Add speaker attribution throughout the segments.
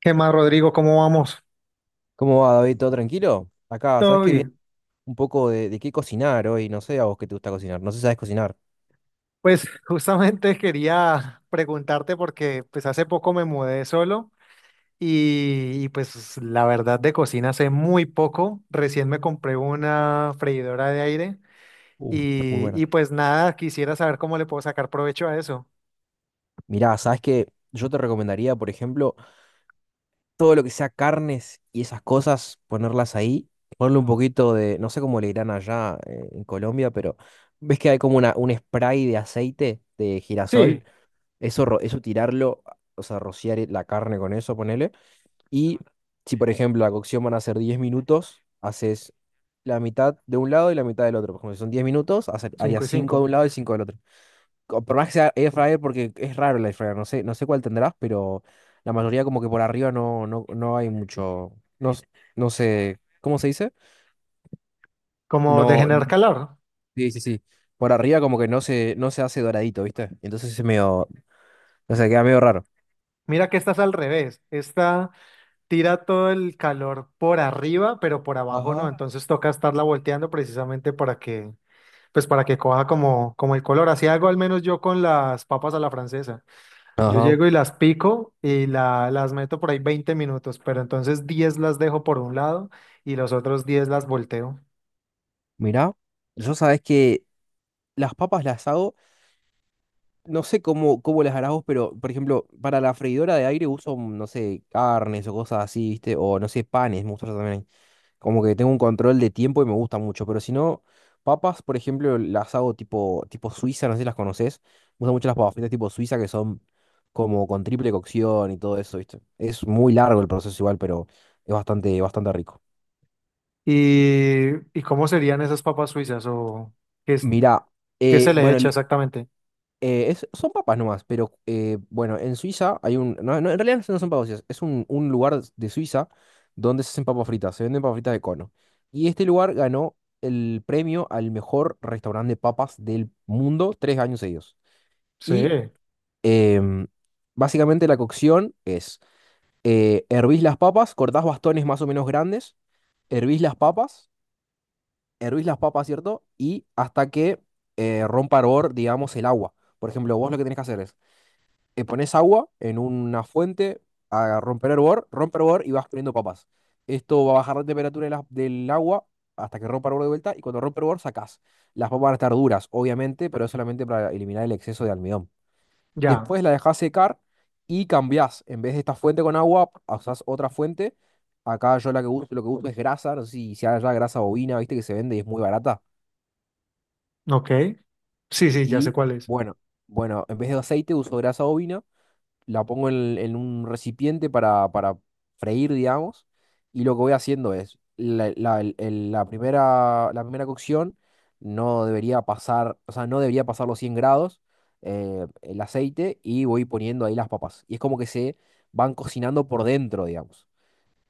Speaker 1: ¿Qué más, Rodrigo? ¿Cómo vamos?
Speaker 2: ¿Cómo va, David? ¿Todo tranquilo? Acá, ¿sabes
Speaker 1: Todo
Speaker 2: qué viene
Speaker 1: bien.
Speaker 2: un poco de qué cocinar hoy? No sé a vos qué te gusta cocinar. No sé si sabes cocinar.
Speaker 1: Pues justamente quería preguntarte porque pues hace poco me mudé solo y, pues la verdad de cocina sé muy poco. Recién me compré una freidora de aire
Speaker 2: Uf, muy
Speaker 1: y,
Speaker 2: buena.
Speaker 1: y pues nada, quisiera saber cómo le puedo sacar provecho a eso.
Speaker 2: Mirá, ¿sabes qué? Yo te recomendaría, por ejemplo, todo lo que sea carnes y esas cosas, ponerlas ahí, ponerle un poquito de, no sé cómo le dirán allá en Colombia, pero ves que hay como una, un spray de aceite de girasol.
Speaker 1: Sí,
Speaker 2: Eso, eso tirarlo, o sea, rociar la carne con eso, ponele. Y si, por ejemplo, la cocción van a ser 10 minutos, haces la mitad de un lado y la mitad del otro. Por ejemplo, si son 10 minutos,
Speaker 1: 5
Speaker 2: harías
Speaker 1: y
Speaker 2: 5 de un
Speaker 1: cinco.
Speaker 2: lado y 5 del otro. Por más que sea air fryer, porque es raro el air fryer, no sé, no sé cuál tendrás, pero la mayoría como que por arriba no hay mucho, no, no sé, ¿cómo se dice?
Speaker 1: Como de
Speaker 2: No,
Speaker 1: generar
Speaker 2: no-
Speaker 1: calor.
Speaker 2: sí, sí, sí. Por arriba como que no se hace doradito, ¿viste? Entonces es medio, o sea, queda medio raro.
Speaker 1: Mira que esta es al revés. Esta tira todo el calor por arriba, pero por abajo no.
Speaker 2: Ajá.
Speaker 1: Entonces toca estarla volteando precisamente para que Pues para que coja como el color. Así hago al menos yo con las papas a la francesa. Yo
Speaker 2: Ajá,
Speaker 1: llego y las pico y las meto por ahí 20 minutos, pero entonces 10 las dejo por un lado y los otros 10 las volteo.
Speaker 2: mirá, yo sabes que las papas las hago. No sé cómo, cómo las harás vos, pero por ejemplo, para la freidora de aire uso, no sé, carnes o cosas así, ¿viste? O no sé, panes, me gusta hacer también. Como que tengo un control de tiempo y me gusta mucho. Pero si no, papas, por ejemplo, las hago tipo suiza, no sé si las conoces. Me gustan mucho las papas fritas tipo suiza que son como con triple cocción y todo eso, ¿viste? Es muy largo el proceso igual, pero es bastante, bastante rico.
Speaker 1: ¿Y, y cómo serían esas papas suizas o qué, es-
Speaker 2: Mira,
Speaker 1: qué se le
Speaker 2: bueno,
Speaker 1: echa exactamente?
Speaker 2: Son papas nomás, pero bueno, en Suiza hay un... No, no, en realidad no son papas fritas, es un lugar de Suiza donde se hacen papas fritas, se venden papas fritas de cono. Y este lugar ganó el premio al mejor restaurante de papas del mundo tres años seguidos. Y
Speaker 1: Sí,
Speaker 2: em, básicamente la cocción es, hervís las papas, cortás bastones más o menos grandes, hervís las papas, hervís las papas, ¿cierto? Y hasta que rompa hervor, digamos, el agua. Por ejemplo, vos lo que tenés que hacer es pones agua en una fuente a romper hervor, rompe hervor y vas poniendo papas. Esto va a bajar la temperatura de del agua hasta que rompa hervor de vuelta y cuando rompe hervor sacás. Las papas van a estar duras, obviamente, pero es solamente para eliminar el exceso de almidón.
Speaker 1: ya,
Speaker 2: Después la dejás secar y cambiás. En vez de esta fuente con agua, usás otra fuente. Acá yo la que uso, lo que uso es grasa, no sé si haya grasa bovina, viste que se vende y es muy barata.
Speaker 1: ok. Sí, sí, ya sé
Speaker 2: Y
Speaker 1: cuál es.
Speaker 2: bueno, bueno, en vez de aceite uso grasa bovina, la pongo en un recipiente para freír, digamos, y lo que voy haciendo es, la primera cocción no debería pasar, o sea, no debería pasar los 100 grados el aceite y voy poniendo ahí las papas. Y es como que se van cocinando por dentro, digamos,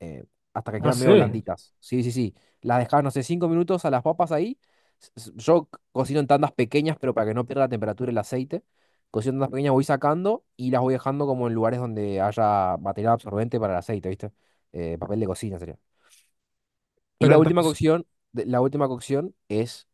Speaker 2: eh, hasta que
Speaker 1: Ah,
Speaker 2: quedan
Speaker 1: sí,
Speaker 2: medio blanditas. Sí, sí, sí. Las dejas, no sé, cinco minutos a las papas ahí. Yo cocino en tandas pequeñas, pero para que no pierda la temperatura y el aceite. Cocino en tandas pequeñas, voy sacando y las voy dejando como en lugares donde haya material absorbente para el aceite, ¿viste? Papel de cocina sería. Y
Speaker 1: pero
Speaker 2: la última
Speaker 1: entonces,
Speaker 2: cocción, la última cocción es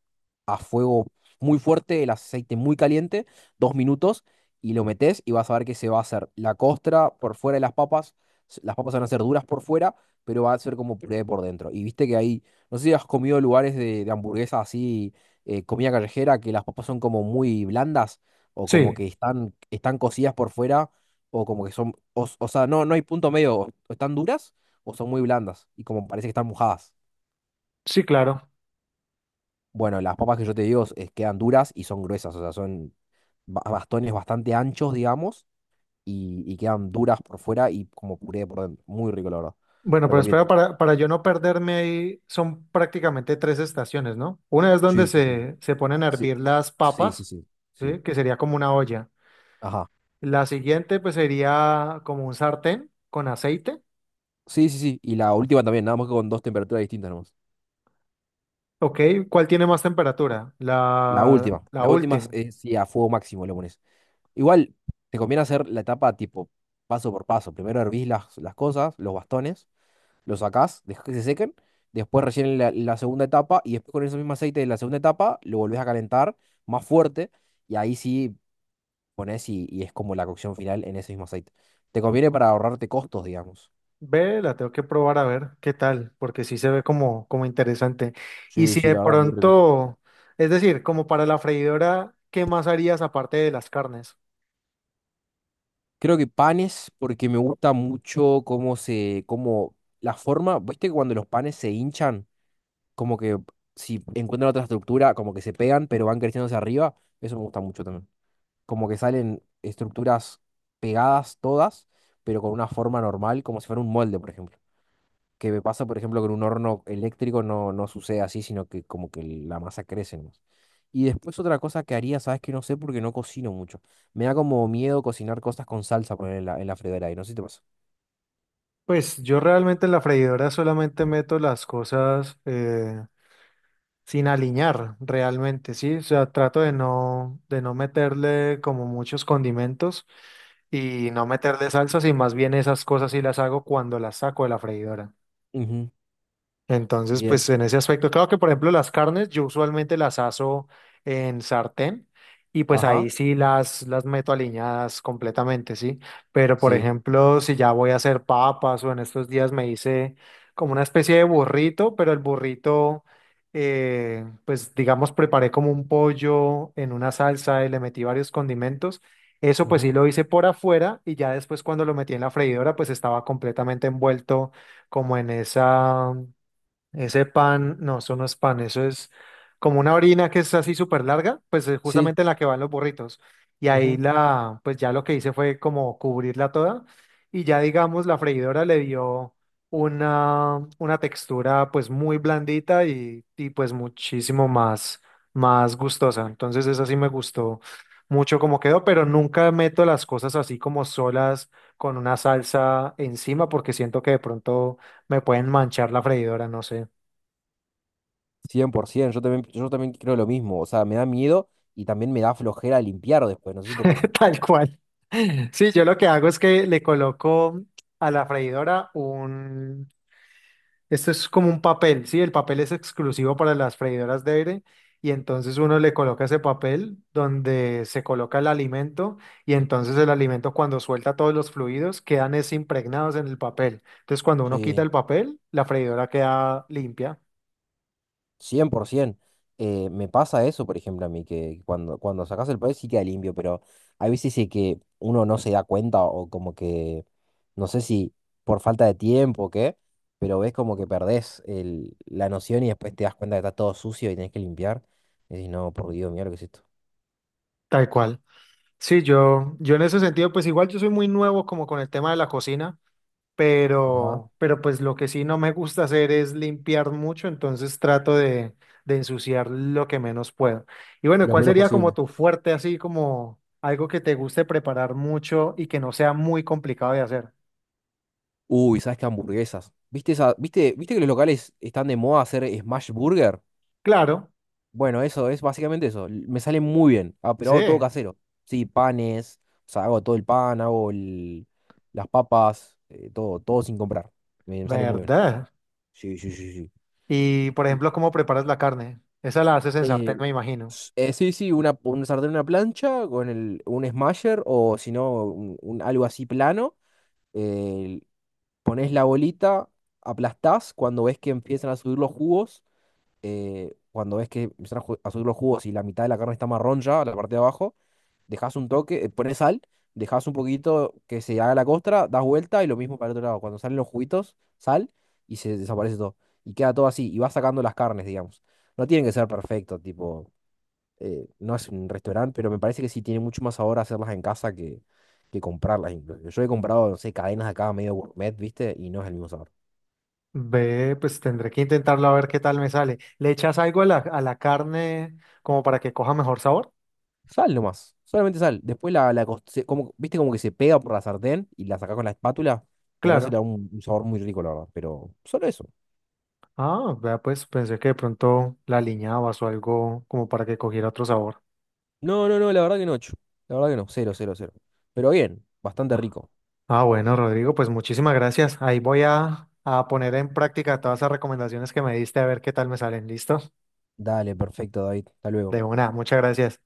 Speaker 2: a fuego muy fuerte, el aceite muy caliente, dos minutos, y lo metes y vas a ver que se va a hacer la costra por fuera de las papas. Las papas van a ser duras por fuera, pero va a ser como puré por dentro. Y viste que ahí, no sé si has comido lugares de hamburguesas así, comida callejera, que las papas son como muy blandas, o como
Speaker 1: sí,
Speaker 2: que están, están cocidas por fuera, o como que son, o sea, no, no hay punto medio, o están duras o son muy blandas, y como parece que están mojadas.
Speaker 1: sí, claro.
Speaker 2: Bueno, las papas que yo te digo quedan duras y son gruesas, o sea, son bastones bastante anchos, digamos, y quedan duras por fuera y como puré por dentro. Muy rico, la verdad.
Speaker 1: Bueno, pero
Speaker 2: Recomiendo.
Speaker 1: espera, para yo no perderme ahí, son prácticamente tres estaciones, ¿no? Una es donde
Speaker 2: Sí, sí, sí.
Speaker 1: se ponen a
Speaker 2: Sí,
Speaker 1: hervir las
Speaker 2: sí, sí,
Speaker 1: papas,
Speaker 2: sí. Sí.
Speaker 1: ¿sí? Que sería como una olla.
Speaker 2: Ajá.
Speaker 1: La siguiente, pues sería como un sartén con aceite,
Speaker 2: Sí, sí, sí. Y la última también, nada más que con dos temperaturas distintas nomás.
Speaker 1: ¿ok? ¿Cuál tiene más temperatura?
Speaker 2: La
Speaker 1: La,
Speaker 2: última.
Speaker 1: la
Speaker 2: La última
Speaker 1: última.
Speaker 2: es sí, a fuego máximo le pones. Igual, te conviene hacer la etapa tipo paso por paso. Primero hervís las cosas, los bastones. Lo sacás, dejas que se sequen, después recién la segunda etapa y después con ese mismo aceite de la segunda etapa lo volvés a calentar más fuerte y ahí sí pones y es como la cocción final en ese mismo aceite. Te conviene para ahorrarte costos, digamos.
Speaker 1: Ve, la tengo que probar a ver qué tal, porque sí se ve como interesante. Y
Speaker 2: Sí,
Speaker 1: si
Speaker 2: sí,
Speaker 1: de
Speaker 2: la verdad, muy rico.
Speaker 1: pronto, es decir, como para la freidora, ¿qué más harías aparte de las carnes?
Speaker 2: Creo que panes, porque me gusta mucho cómo se, cómo la forma, viste que cuando los panes se hinchan, como que si encuentran otra estructura, como que se pegan, pero van creciendo hacia arriba, eso me gusta mucho también. Como que salen estructuras pegadas todas, pero con una forma normal, como si fuera un molde, por ejemplo. Que me pasa, por ejemplo, con un horno eléctrico no, no sucede así, sino que como que la masa crece nomás. Y después otra cosa que haría, sabes que no sé porque no cocino mucho. Me da como miedo cocinar cosas con salsa poner en la freidora y no sé si te pasa.
Speaker 1: Pues yo realmente en la freidora solamente meto las cosas sin aliñar realmente, ¿sí? O sea, trato de no meterle como muchos condimentos y no meterle salsas y más bien esas cosas sí las hago cuando las saco de la freidora.
Speaker 2: Ujú.
Speaker 1: Entonces,
Speaker 2: Bien.
Speaker 1: pues en ese aspecto, claro que por ejemplo las carnes, yo usualmente las aso en sartén y pues
Speaker 2: Ajá.
Speaker 1: ahí sí las meto aliñadas completamente, ¿sí? Pero por
Speaker 2: Sí.
Speaker 1: ejemplo, si ya voy a hacer papas o en estos días me hice como una especie de burrito, pero el burrito, pues digamos, preparé como un pollo en una salsa y le metí varios condimentos. Eso pues sí
Speaker 2: Ujú.
Speaker 1: lo hice por afuera y ya después cuando lo metí en la freidora, pues estaba completamente envuelto como en esa ese pan, no, eso no es pan, eso es como una orina que es así súper larga, pues es
Speaker 2: Sí.
Speaker 1: justamente en la que van los burritos. Y ahí
Speaker 2: Ujú.
Speaker 1: pues ya lo que hice fue como cubrirla toda y ya digamos la freidora le dio una textura pues muy blandita y pues muchísimo más gustosa. Entonces esa sí me gustó mucho como quedó, pero nunca meto las cosas así como solas con una salsa encima porque siento que de pronto me pueden manchar la freidora, no sé.
Speaker 2: 100%. Yo también creo lo mismo. O sea, me da miedo y también me da flojera limpiar después. No sé si te pasa.
Speaker 1: Tal cual. Sí, yo lo que hago es que le coloco a la freidora. Esto es como un papel, ¿sí? El papel es exclusivo para las freidoras de aire y entonces uno le coloca ese papel donde se coloca el alimento y entonces el alimento cuando suelta todos los fluidos quedan es impregnados en el papel. Entonces cuando uno quita
Speaker 2: Sí.
Speaker 1: el papel, la freidora queda limpia.
Speaker 2: 100%. Me pasa eso, por ejemplo, a mí, que cuando, cuando sacas el país sí queda limpio, pero hay veces de que uno no se da cuenta o como que, no sé si por falta de tiempo o qué, pero ves como que perdés la noción y después te das cuenta que está todo sucio y tenés que limpiar. Y decís, no, por Dios, mira lo que es esto.
Speaker 1: Tal cual. Sí, yo en ese sentido, pues igual yo soy muy nuevo como con el tema de la cocina.
Speaker 2: Ajá.
Speaker 1: Pero pues lo que sí no me gusta hacer es limpiar mucho, entonces trato de ensuciar lo que menos puedo. Y bueno,
Speaker 2: Lo
Speaker 1: ¿cuál
Speaker 2: menos
Speaker 1: sería como
Speaker 2: posible.
Speaker 1: tu fuerte, así como algo que te guste preparar mucho y que no sea muy complicado de hacer?
Speaker 2: Uy, ¿sabes qué hamburguesas? ¿Viste esa, viste, viste que los locales están de moda hacer smash burger?
Speaker 1: Claro,
Speaker 2: Bueno, eso es básicamente eso. Me sale muy bien. Ah, pero
Speaker 1: sí,
Speaker 2: hago todo casero. Sí, panes, o sea, hago todo el pan, hago las papas, todo, todo sin comprar. Me sale muy bien.
Speaker 1: verdad.
Speaker 2: Sí, sí, sí, sí.
Speaker 1: Y por
Speaker 2: Y,
Speaker 1: ejemplo, ¿cómo preparas la carne? Esa la haces en
Speaker 2: eh,
Speaker 1: sartén, me imagino.
Speaker 2: sí, sí, una, un sartén, una plancha con el, un smasher o si no, algo así plano. eh, pones la bolita, aplastás cuando ves que empiezan a subir los jugos. Cuando ves que empiezan a a subir los jugos y la mitad de la carne está marrón ya, la parte de abajo dejas un toque, pones sal, dejas un poquito que se haga la costra, das vuelta y lo mismo para el otro lado. Cuando salen los juguitos, sal y se desaparece todo. Y queda todo así, y vas sacando las carnes, digamos. No tienen que ser perfecto, tipo, no es un restaurante, pero me parece que sí tiene mucho más sabor hacerlas en casa que comprarlas. Incluso. Yo he comprado, no sé, cadenas acá medio gourmet, ¿viste? Y no es el mismo sabor.
Speaker 1: Ve, pues tendré que intentarlo a ver qué tal me sale. ¿Le echas algo a la carne como para que coja mejor sabor?
Speaker 2: Sal nomás, solamente sal. Después la, como, ¿viste como que se pega por la sartén y la sacás con la espátula? Bueno, ese le da
Speaker 1: Claro.
Speaker 2: un sabor muy rico, la verdad, pero solo eso.
Speaker 1: Ah, vea, pues pensé que de pronto la aliñabas o algo como para que cogiera otro sabor.
Speaker 2: No, no, no, la verdad que no, chu. La verdad que no, cero, cero, cero. Pero bien, bastante
Speaker 1: Ah,
Speaker 2: rico.
Speaker 1: ah, bueno, Rodrigo, pues muchísimas gracias. Ahí voy a poner en práctica todas esas recomendaciones que me diste a ver qué tal me salen. ¿Listo?
Speaker 2: Dale, perfecto, David. Hasta luego.
Speaker 1: De una, muchas gracias.